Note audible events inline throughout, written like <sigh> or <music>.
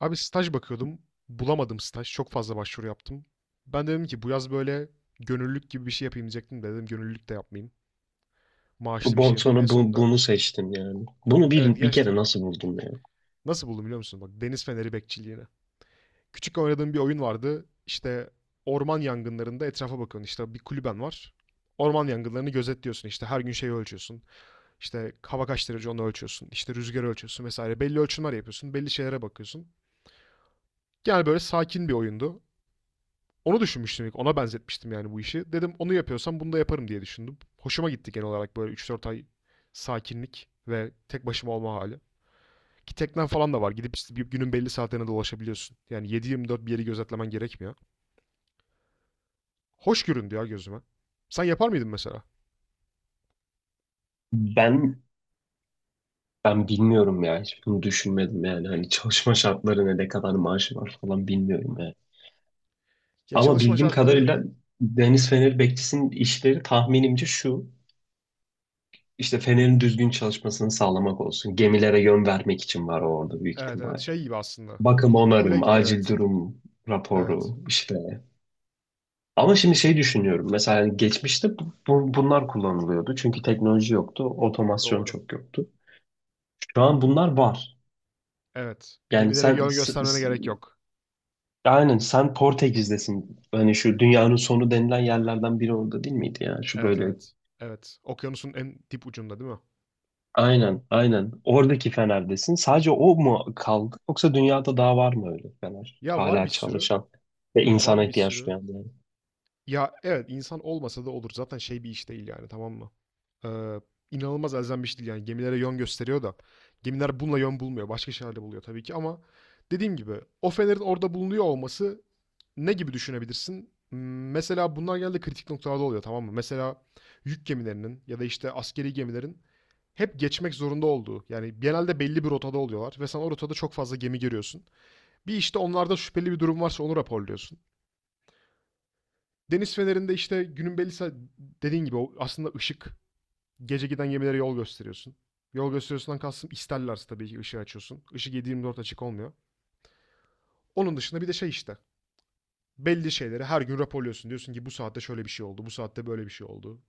Abi staj bakıyordum. Bulamadım staj. Çok fazla başvuru yaptım. Ben de dedim ki bu yaz böyle gönüllülük gibi bir şey yapayım diyecektim de dedim gönüllülük de yapmayayım. Maaşlı bir şey Bon, yapayım. En sonra bu, sonunda bunu seçtim yani. Bunu evet bir gerçekten kere nasıl buldum ya? nasıl buldum biliyor musun? Bak deniz feneri bekçiliğine. Küçük oynadığım bir oyun vardı. İşte orman yangınlarında etrafa bakıyorsun. İşte bir kulüben var. Orman yangınlarını gözetliyorsun. İşte her gün şeyi ölçüyorsun. İşte hava kaç derece onu ölçüyorsun. İşte rüzgarı ölçüyorsun vesaire. Belli ölçümler yapıyorsun. Belli şeylere bakıyorsun. Yani böyle sakin bir oyundu. Onu düşünmüştüm ilk. Ona benzetmiştim yani bu işi. Dedim onu yapıyorsam bunu da yaparım diye düşündüm. Hoşuma gitti genel olarak böyle 3 4 ay sakinlik ve tek başıma olma hali. Ki teknen falan da var. Gidip işte bir günün belli saatlerine dolaşabiliyorsun. Yani 7/24 bir yeri gözetlemen gerekmiyor. Hoş göründü ya gözüme. Sen yapar mıydın mesela? Ben ben bilmiyorum ya. Hiç bunu düşünmedim yani. Hani çalışma şartları ne, ne kadar maaşı var falan bilmiyorum yani. Ya Ama çalışma bildiğim şartları kadarıyla Deniz Fener bekçisinin işleri tahminimce şu. İşte Fener'in düzgün çalışmasını sağlamak olsun. Gemilere yön vermek için var o orada büyük evet evet ihtimal. şey gibi aslında. Bakım Kule onarım, gibi acil evet. durum Evet. raporu, işte. Ama şimdi şey düşünüyorum. Mesela hani geçmişte bunlar kullanılıyordu. Çünkü teknoloji yoktu. Otomasyon Doğru. çok yoktu. Şu an bunlar var. Evet. Yani Gemilere yön göstermene gerek yok. aynen sen Portekiz'desin. Hani şu dünyanın sonu denilen yerlerden biri orada değil miydi ya? Şu Evet böyle evet. Evet. Okyanusun en dip ucunda değil mi? aynen aynen oradaki Fener'desin. Sadece o mu kaldı? Yoksa dünyada daha var mı öyle Fener? Ya var bir Hala sürü. çalışan ve insana Var bir ihtiyaç sürü. duyan yani. Ya evet insan olmasa da olur. Zaten şey bir iş değil yani tamam mı? Ee, inanılmaz elzem bir iş değil yani. Gemilere yön gösteriyor da. Gemiler bununla yön bulmuyor. Başka şeylerle buluyor tabii ki ama dediğim gibi o fenerin orada bulunuyor olması ne gibi düşünebilirsin? M- Mesela bunlar genelde kritik noktalarda oluyor tamam mı? Mesela yük gemilerinin ya da işte askeri gemilerin hep geçmek zorunda olduğu yani genelde belli bir rotada oluyorlar ve sen o rotada çok fazla gemi görüyorsun. Bir işte onlarda şüpheli bir durum varsa onu raporluyorsun. Deniz fenerinde işte günün belli saat dediğin gibi aslında ışık. Gece giden gemilere yol gösteriyorsun. Yol gösteriyorsundan kastım isterlerse tabii ki ışığı açıyorsun. Işık 7 Dört açık olmuyor. Onun dışında bir de şey işte. Belli şeyleri her gün raporluyorsun. Diyorsun ki bu saatte şöyle bir şey oldu, bu saatte böyle bir şey oldu.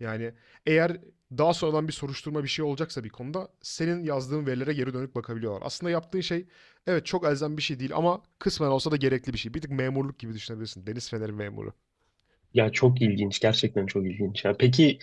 Yani eğer daha sonradan bir soruşturma bir şey olacaksa bir konuda senin yazdığın verilere geri dönüp bakabiliyorlar. Aslında yaptığın şey evet çok elzem bir şey değil ama kısmen olsa da gerekli bir şey. Bir tık memurluk gibi düşünebilirsin. Deniz feneri memuru. Ya çok ilginç. Gerçekten çok ilginç. Ya, peki.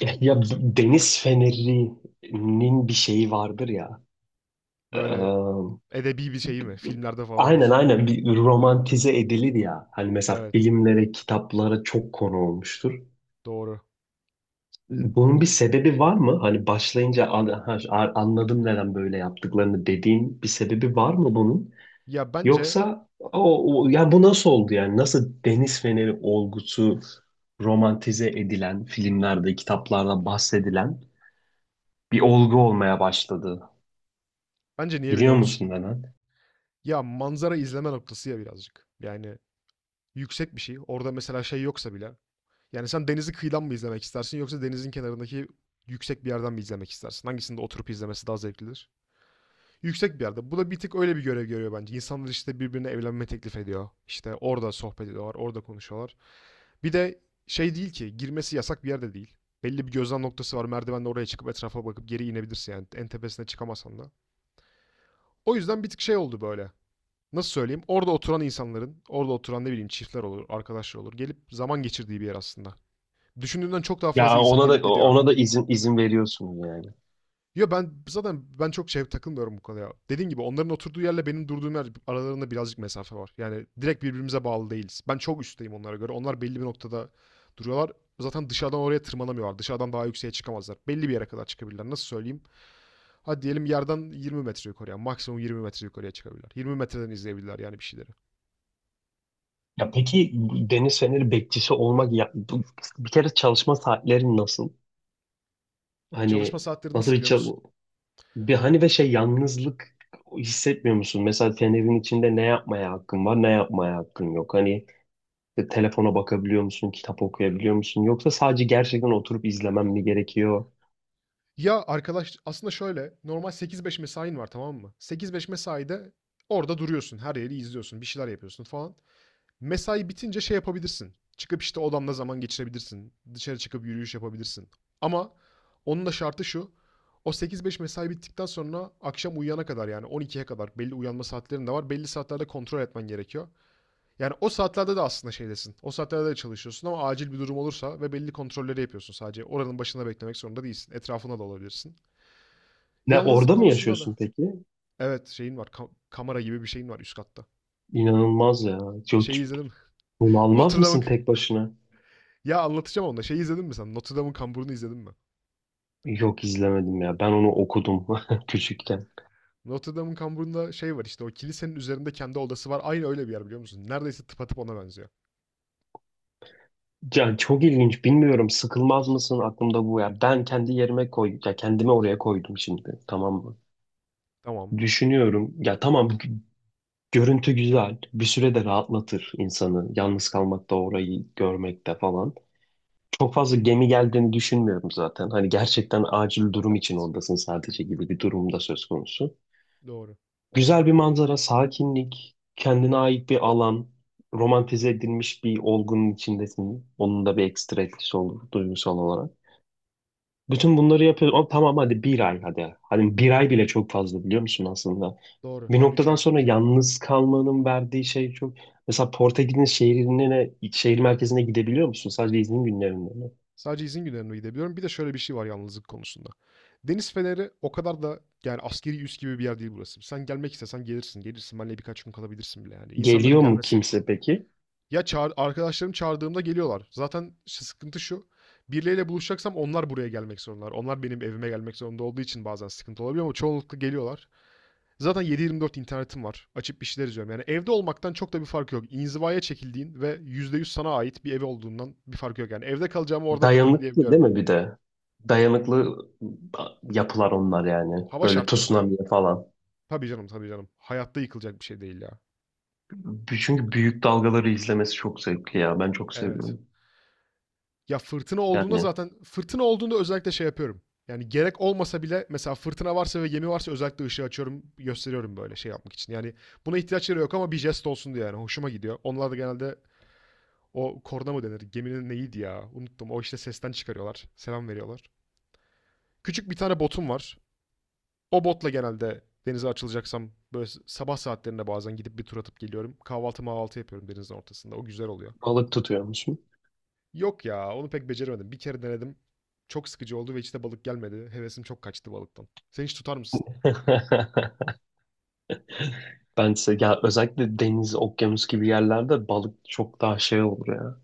Ya, ya deniz fenerinin bir şeyi vardır ya. Ee, Böyle edebi bir şey mi? Filmlerde falan olur. aynen aynen bir romantize edilir ya. Hani mesela Evet, filmlere, kitaplara çok konu olmuştur. doğru. Bunun bir sebebi var mı? Hani başlayınca ha, anladım neden böyle yaptıklarını" dediğin bir sebebi var mı bunun? Ya bence Yoksa ya bu nasıl oldu yani? Nasıl deniz feneri olgusu romantize edilen filmlerde, kitaplarda bahsedilen bir olgu olmaya başladı? bence niye Biliyor biliyor musun? musun neden? Ya manzara izleme noktası ya birazcık. Yani yüksek bir şey. Orada mesela şey yoksa bile. Yani sen denizi kıyıdan mı izlemek istersin yoksa denizin kenarındaki yüksek bir yerden mi izlemek istersin? Hangisinde oturup izlemesi daha zevklidir? Yüksek bir yerde. Bu da bir tık öyle bir görev görüyor bence. İnsanlar işte birbirine evlenme teklif ediyor. İşte orada sohbet ediyorlar, orada konuşuyorlar. Bir de şey değil ki girmesi yasak bir yerde değil. Belli bir gözlem noktası var. Merdivenle oraya çıkıp etrafa bakıp geri inebilirsin yani. En tepesine çıkamasan da. O yüzden bir tık şey oldu böyle. Nasıl söyleyeyim? Orada oturan insanların, orada oturan ne bileyim çiftler olur, arkadaşlar olur. Gelip zaman geçirdiği bir yer aslında. Düşündüğümden çok daha fazla Ya insan ona gelip da gidiyor. ona da izin veriyorsunuz yani. Ya ben zaten ben çok şey takılmıyorum bu konuya. Dediğim gibi onların oturduğu yerle benim durduğum yer aralarında birazcık mesafe var. Yani direkt birbirimize bağlı değiliz. Ben çok üstteyim onlara göre. Onlar belli bir noktada duruyorlar. Zaten dışarıdan oraya tırmanamıyorlar. Dışarıdan daha yükseğe çıkamazlar. Belli bir yere kadar çıkabilirler. Nasıl söyleyeyim? Hadi diyelim yerden 20 metre yukarıya. Maksimum 20 metre yukarıya çıkabilirler. 20 metreden izleyebilirler yani bir şeyleri. Ya peki, deniz feneri bekçisi olmak ya bir kere çalışma saatlerin nasıl? Çalışma Hani saatleri nasıl nasıl bir biliyor çal- musun? bir hani ve şey yalnızlık hissetmiyor musun? Mesela fenerin içinde ne yapmaya hakkın var, ne yapmaya hakkın yok. Hani işte telefona bakabiliyor musun, kitap okuyabiliyor musun? Yoksa sadece gerçekten oturup izlemem mi gerekiyor? Ya arkadaş aslında şöyle normal 8-5 mesain var tamam mı? 8-5 mesaide orada duruyorsun. Her yeri izliyorsun. Bir şeyler yapıyorsun falan. Mesai bitince şey yapabilirsin. Çıkıp işte odamda zaman geçirebilirsin. Dışarı çıkıp yürüyüş yapabilirsin. Ama onun da şartı şu. O sekiz beş mesai bittikten sonra akşam uyuyana kadar yani 12'ye kadar belli uyanma saatlerin de var. Belli saatlerde kontrol etmen gerekiyor. Yani o saatlerde de aslında şeydesin. O saatlerde de çalışıyorsun ama acil bir durum olursa ve belli kontrolleri yapıyorsun sadece. Oranın başında beklemek zorunda değilsin. Etrafına da olabilirsin. Ne, Yalnızlık orada mı konusunda da. yaşıyorsun peki? Evet şeyin var. Kamera gibi bir şeyin var üst katta. İnanılmaz ya. Çok Şeyi izledim. <laughs> bunalmaz Notre Dame'ın mısın tek başına? ya anlatacağım onu da. Şeyi izledin mi sen? Notre Dame'ın kamburunu izledin mi? Yok, izlemedim ya. Ben onu okudum <laughs> küçükken. Notre Dame'ın kamburunda şey var işte o kilisenin üzerinde kendi odası var. Aynı öyle bir yer biliyor musun? Neredeyse tıpatıp ona benziyor. Ya çok ilginç. Bilmiyorum, sıkılmaz mısın, aklımda bu ya. Ben kendi yerime koy ya, kendimi oraya koydum şimdi. Tamam mı? Tamam. Düşünüyorum. Ya tamam, görüntü güzel. Bir süre de rahatlatır insanı. Yalnız kalmakta, orayı görmekte falan. Çok fazla gemi geldiğini düşünmüyorum zaten. Hani gerçekten acil durum için Evet. oradasın sadece gibi bir durumda söz konusu. Doğru. Güzel bir manzara, sakinlik, kendine ait bir alan, romantize edilmiş bir olgunun içindesin. Onun da bir ekstra etkisi olur duygusal olarak. Bütün bunları yapıyoruz. Ama tamam, hadi bir ay, hadi. Hani bir ay bile çok fazla, biliyor musun aslında? Doğru. Bir Ben 3 noktadan ay sonra kalacağım. yalnız kalmanın verdiği şey çok... Mesela Portekiz'in şehrine, şehir merkezine gidebiliyor musun? Sadece izin günlerinde mi? Sadece izin günlerine gidebiliyorum. Bir de şöyle bir şey var yalnızlık konusunda. Deniz Feneri o kadar da yani askeri üs gibi bir yer değil burası. Sen gelmek istesen gelirsin. Gelirsin. Benle birkaç gün kalabilirsin bile yani. İnsanların Geliyor mu gelmesi kimse peki? ya çağır, arkadaşlarım çağırdığımda geliyorlar. Zaten sıkıntı şu. Birileriyle buluşacaksam onlar buraya gelmek zorundalar. Onlar benim evime gelmek zorunda olduğu için bazen sıkıntı olabiliyor ama çoğunlukla geliyorlar. Zaten 7 dört internetim var. Açıp bir şeyler izliyorum. Yani evde olmaktan çok da bir fark yok. İnzivaya çekildiğin ve %100 sana ait bir ev olduğundan bir fark yok. Yani evde kalacağımı orada kalırım Dayanıklı değil diyebiliyorum. mi bir de? Dayanıklı yapılar onlar yani. Hava Böyle şartlarına ama. tsunami falan. Tabii canım tabii canım. Hayatta yıkılacak bir şey değil ya. Çünkü büyük dalgaları izlemesi çok zevkli ya. Ben çok Evet. seviyorum. Ya fırtına olduğunda Yani zaten <laughs> fırtına olduğunda özellikle şey yapıyorum. Yani gerek olmasa bile mesela fırtına varsa ve gemi varsa özellikle ışığı açıyorum, gösteriyorum böyle şey yapmak için. Yani buna ihtiyaçları yok ama bir jest olsun diye yani hoşuma gidiyor. Onlar da genelde o korna mı denir? Geminin neydi ya? Unuttum. O işte sesten çıkarıyorlar. Selam veriyorlar. Küçük bir tane botum var. O botla genelde denize açılacaksam böyle sabah saatlerinde bazen gidip bir tur atıp geliyorum. Kahvaltı mahvaltı yapıyorum denizin ortasında. O güzel oluyor. balık tutuyor musun? Yok ya, onu pek beceremedim. Bir kere denedim. Çok sıkıcı oldu ve içine balık gelmedi. Hevesim çok kaçtı balıktan. Sen hiç tutar mısın? <laughs> ben size ya, özellikle deniz, okyanus gibi yerlerde balık çok daha şey olur ya.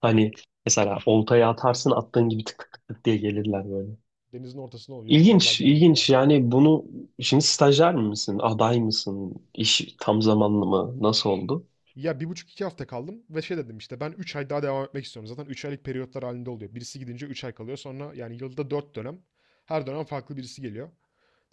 Hani mesela oltaya atarsın, attığın gibi tık tık tık tık diye gelirler böyle. Denizin ortasına ol. Yok vallahi İlginç, gelmedi ilginç. ya. Yani bunu, şimdi stajyer misin, aday mısın, iş tam zamanlı mı, nasıl oldu? Ya bir buçuk iki hafta kaldım ve şey dedim işte ben 3 ay daha devam etmek istiyorum. Zaten 3 aylık periyotlar halinde oluyor. Birisi gidince 3 ay kalıyor. Sonra yani yılda 4 dönem. Her dönem farklı birisi geliyor.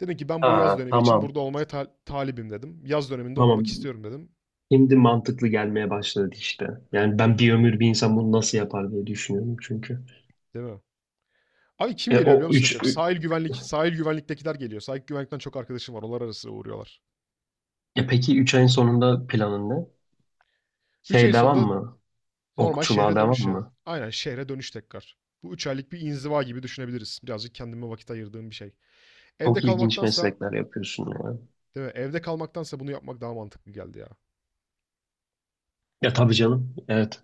Dedim ki ben bu yaz Ha, dönemi için tamam, burada olmaya talibim dedim. Yaz döneminde olmak tamam. istiyorum dedim. Şimdi mantıklı gelmeye başladı işte. Yani ben bir ömür bir insan bunu nasıl yapar diye düşünüyorum çünkü. Değil mi? Abi kim E, geliyor biliyor o musun en üç, çok? ü- Sahil güvenlik, sahil güvenliktekiler geliyor. Sahil güvenlikten çok arkadaşım var. Onlar arası uğruyorlar. e peki 3 ayın sonunda planın ne? 3 Şey, ayın devam sonunda mı? normal Okçuluğa şehre devam dönüş ya. mı? Aynen şehre dönüş tekrar. Bu 3 aylık bir inziva gibi düşünebiliriz. Birazcık kendime vakit ayırdığım bir şey. Evde Çok ilginç kalmaktansa, meslekler yapıyorsun ya. değil mi? Evde kalmaktansa bunu yapmak daha mantıklı geldi ya. Ya tabii canım. Evet.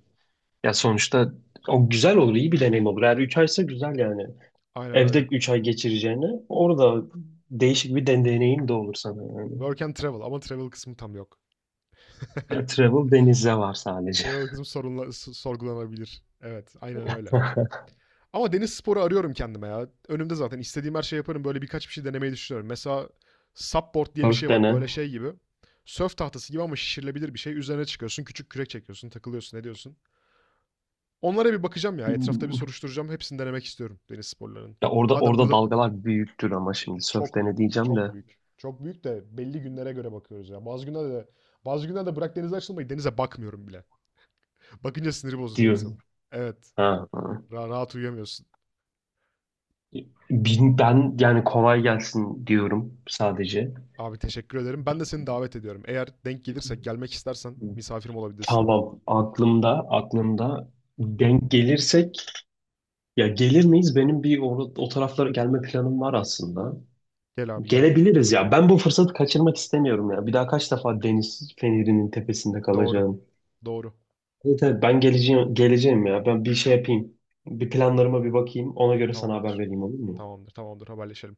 Ya sonuçta o güzel olur, iyi bir deneyim olur. Eğer 3 aysa güzel yani. Aynen Evde öyle. 3 ay geçireceğine orada değişik bir deneyim de olur sana yani. Work and travel ama travel kısmı tam yok. <laughs> Ya travel denizde var sadece. Travel kısmı sorunla, sorgulanabilir. Evet, aynen öyle. <laughs> Ama deniz sporu arıyorum kendime ya. Önümde zaten istediğim her şeyi yaparım. Böyle birkaç bir şey denemeyi düşünüyorum. Mesela supboard diye bir Sörf şey var. dene. Böyle şey gibi. Sörf tahtası gibi ama şişirilebilir bir şey. Üzerine çıkıyorsun, küçük kürek çekiyorsun, takılıyorsun, ne diyorsun? Onlara bir bakacağım ya. Etrafta bir Hmm. soruşturacağım. Hepsini denemek istiyorum deniz sporlarının. Ya orada, Madem orada burada dalgalar büyüktür ama şimdi sörf çok büyük, dene diyeceğim çok de büyük. Çok büyük de belli günlere göre bakıyoruz ya. Bazı günlerde de bazı günlerde bırak denize açılmayı denize bakmıyorum bile. Bakınca siniri bozuluyor diyorum. insanın. Evet. Ha. Rahat uyuyamıyorsun. Ben yani kolay gelsin diyorum sadece. Abi teşekkür ederim. Ben de seni davet ediyorum. Eğer denk gelirse, gelmek istersen misafirim olabilirsin. Tamam, aklımda, aklımda, denk gelirsek ya, gelir miyiz? Benim bir o taraflara gelme planım var aslında. Gel abi gel. Gelebiliriz ya. Ben bu fırsatı kaçırmak istemiyorum ya. Bir daha kaç defa deniz fenerinin tepesinde Doğru. kalacağım? Doğru. Evet, evet, ben geleceğim, geleceğim ya. Ben bir şey yapayım. Bir planlarıma bir bakayım. Ona göre sana haber Tamamdır. vereyim, olur mu? Tamamdır. Tamamdır. Haberleşelim.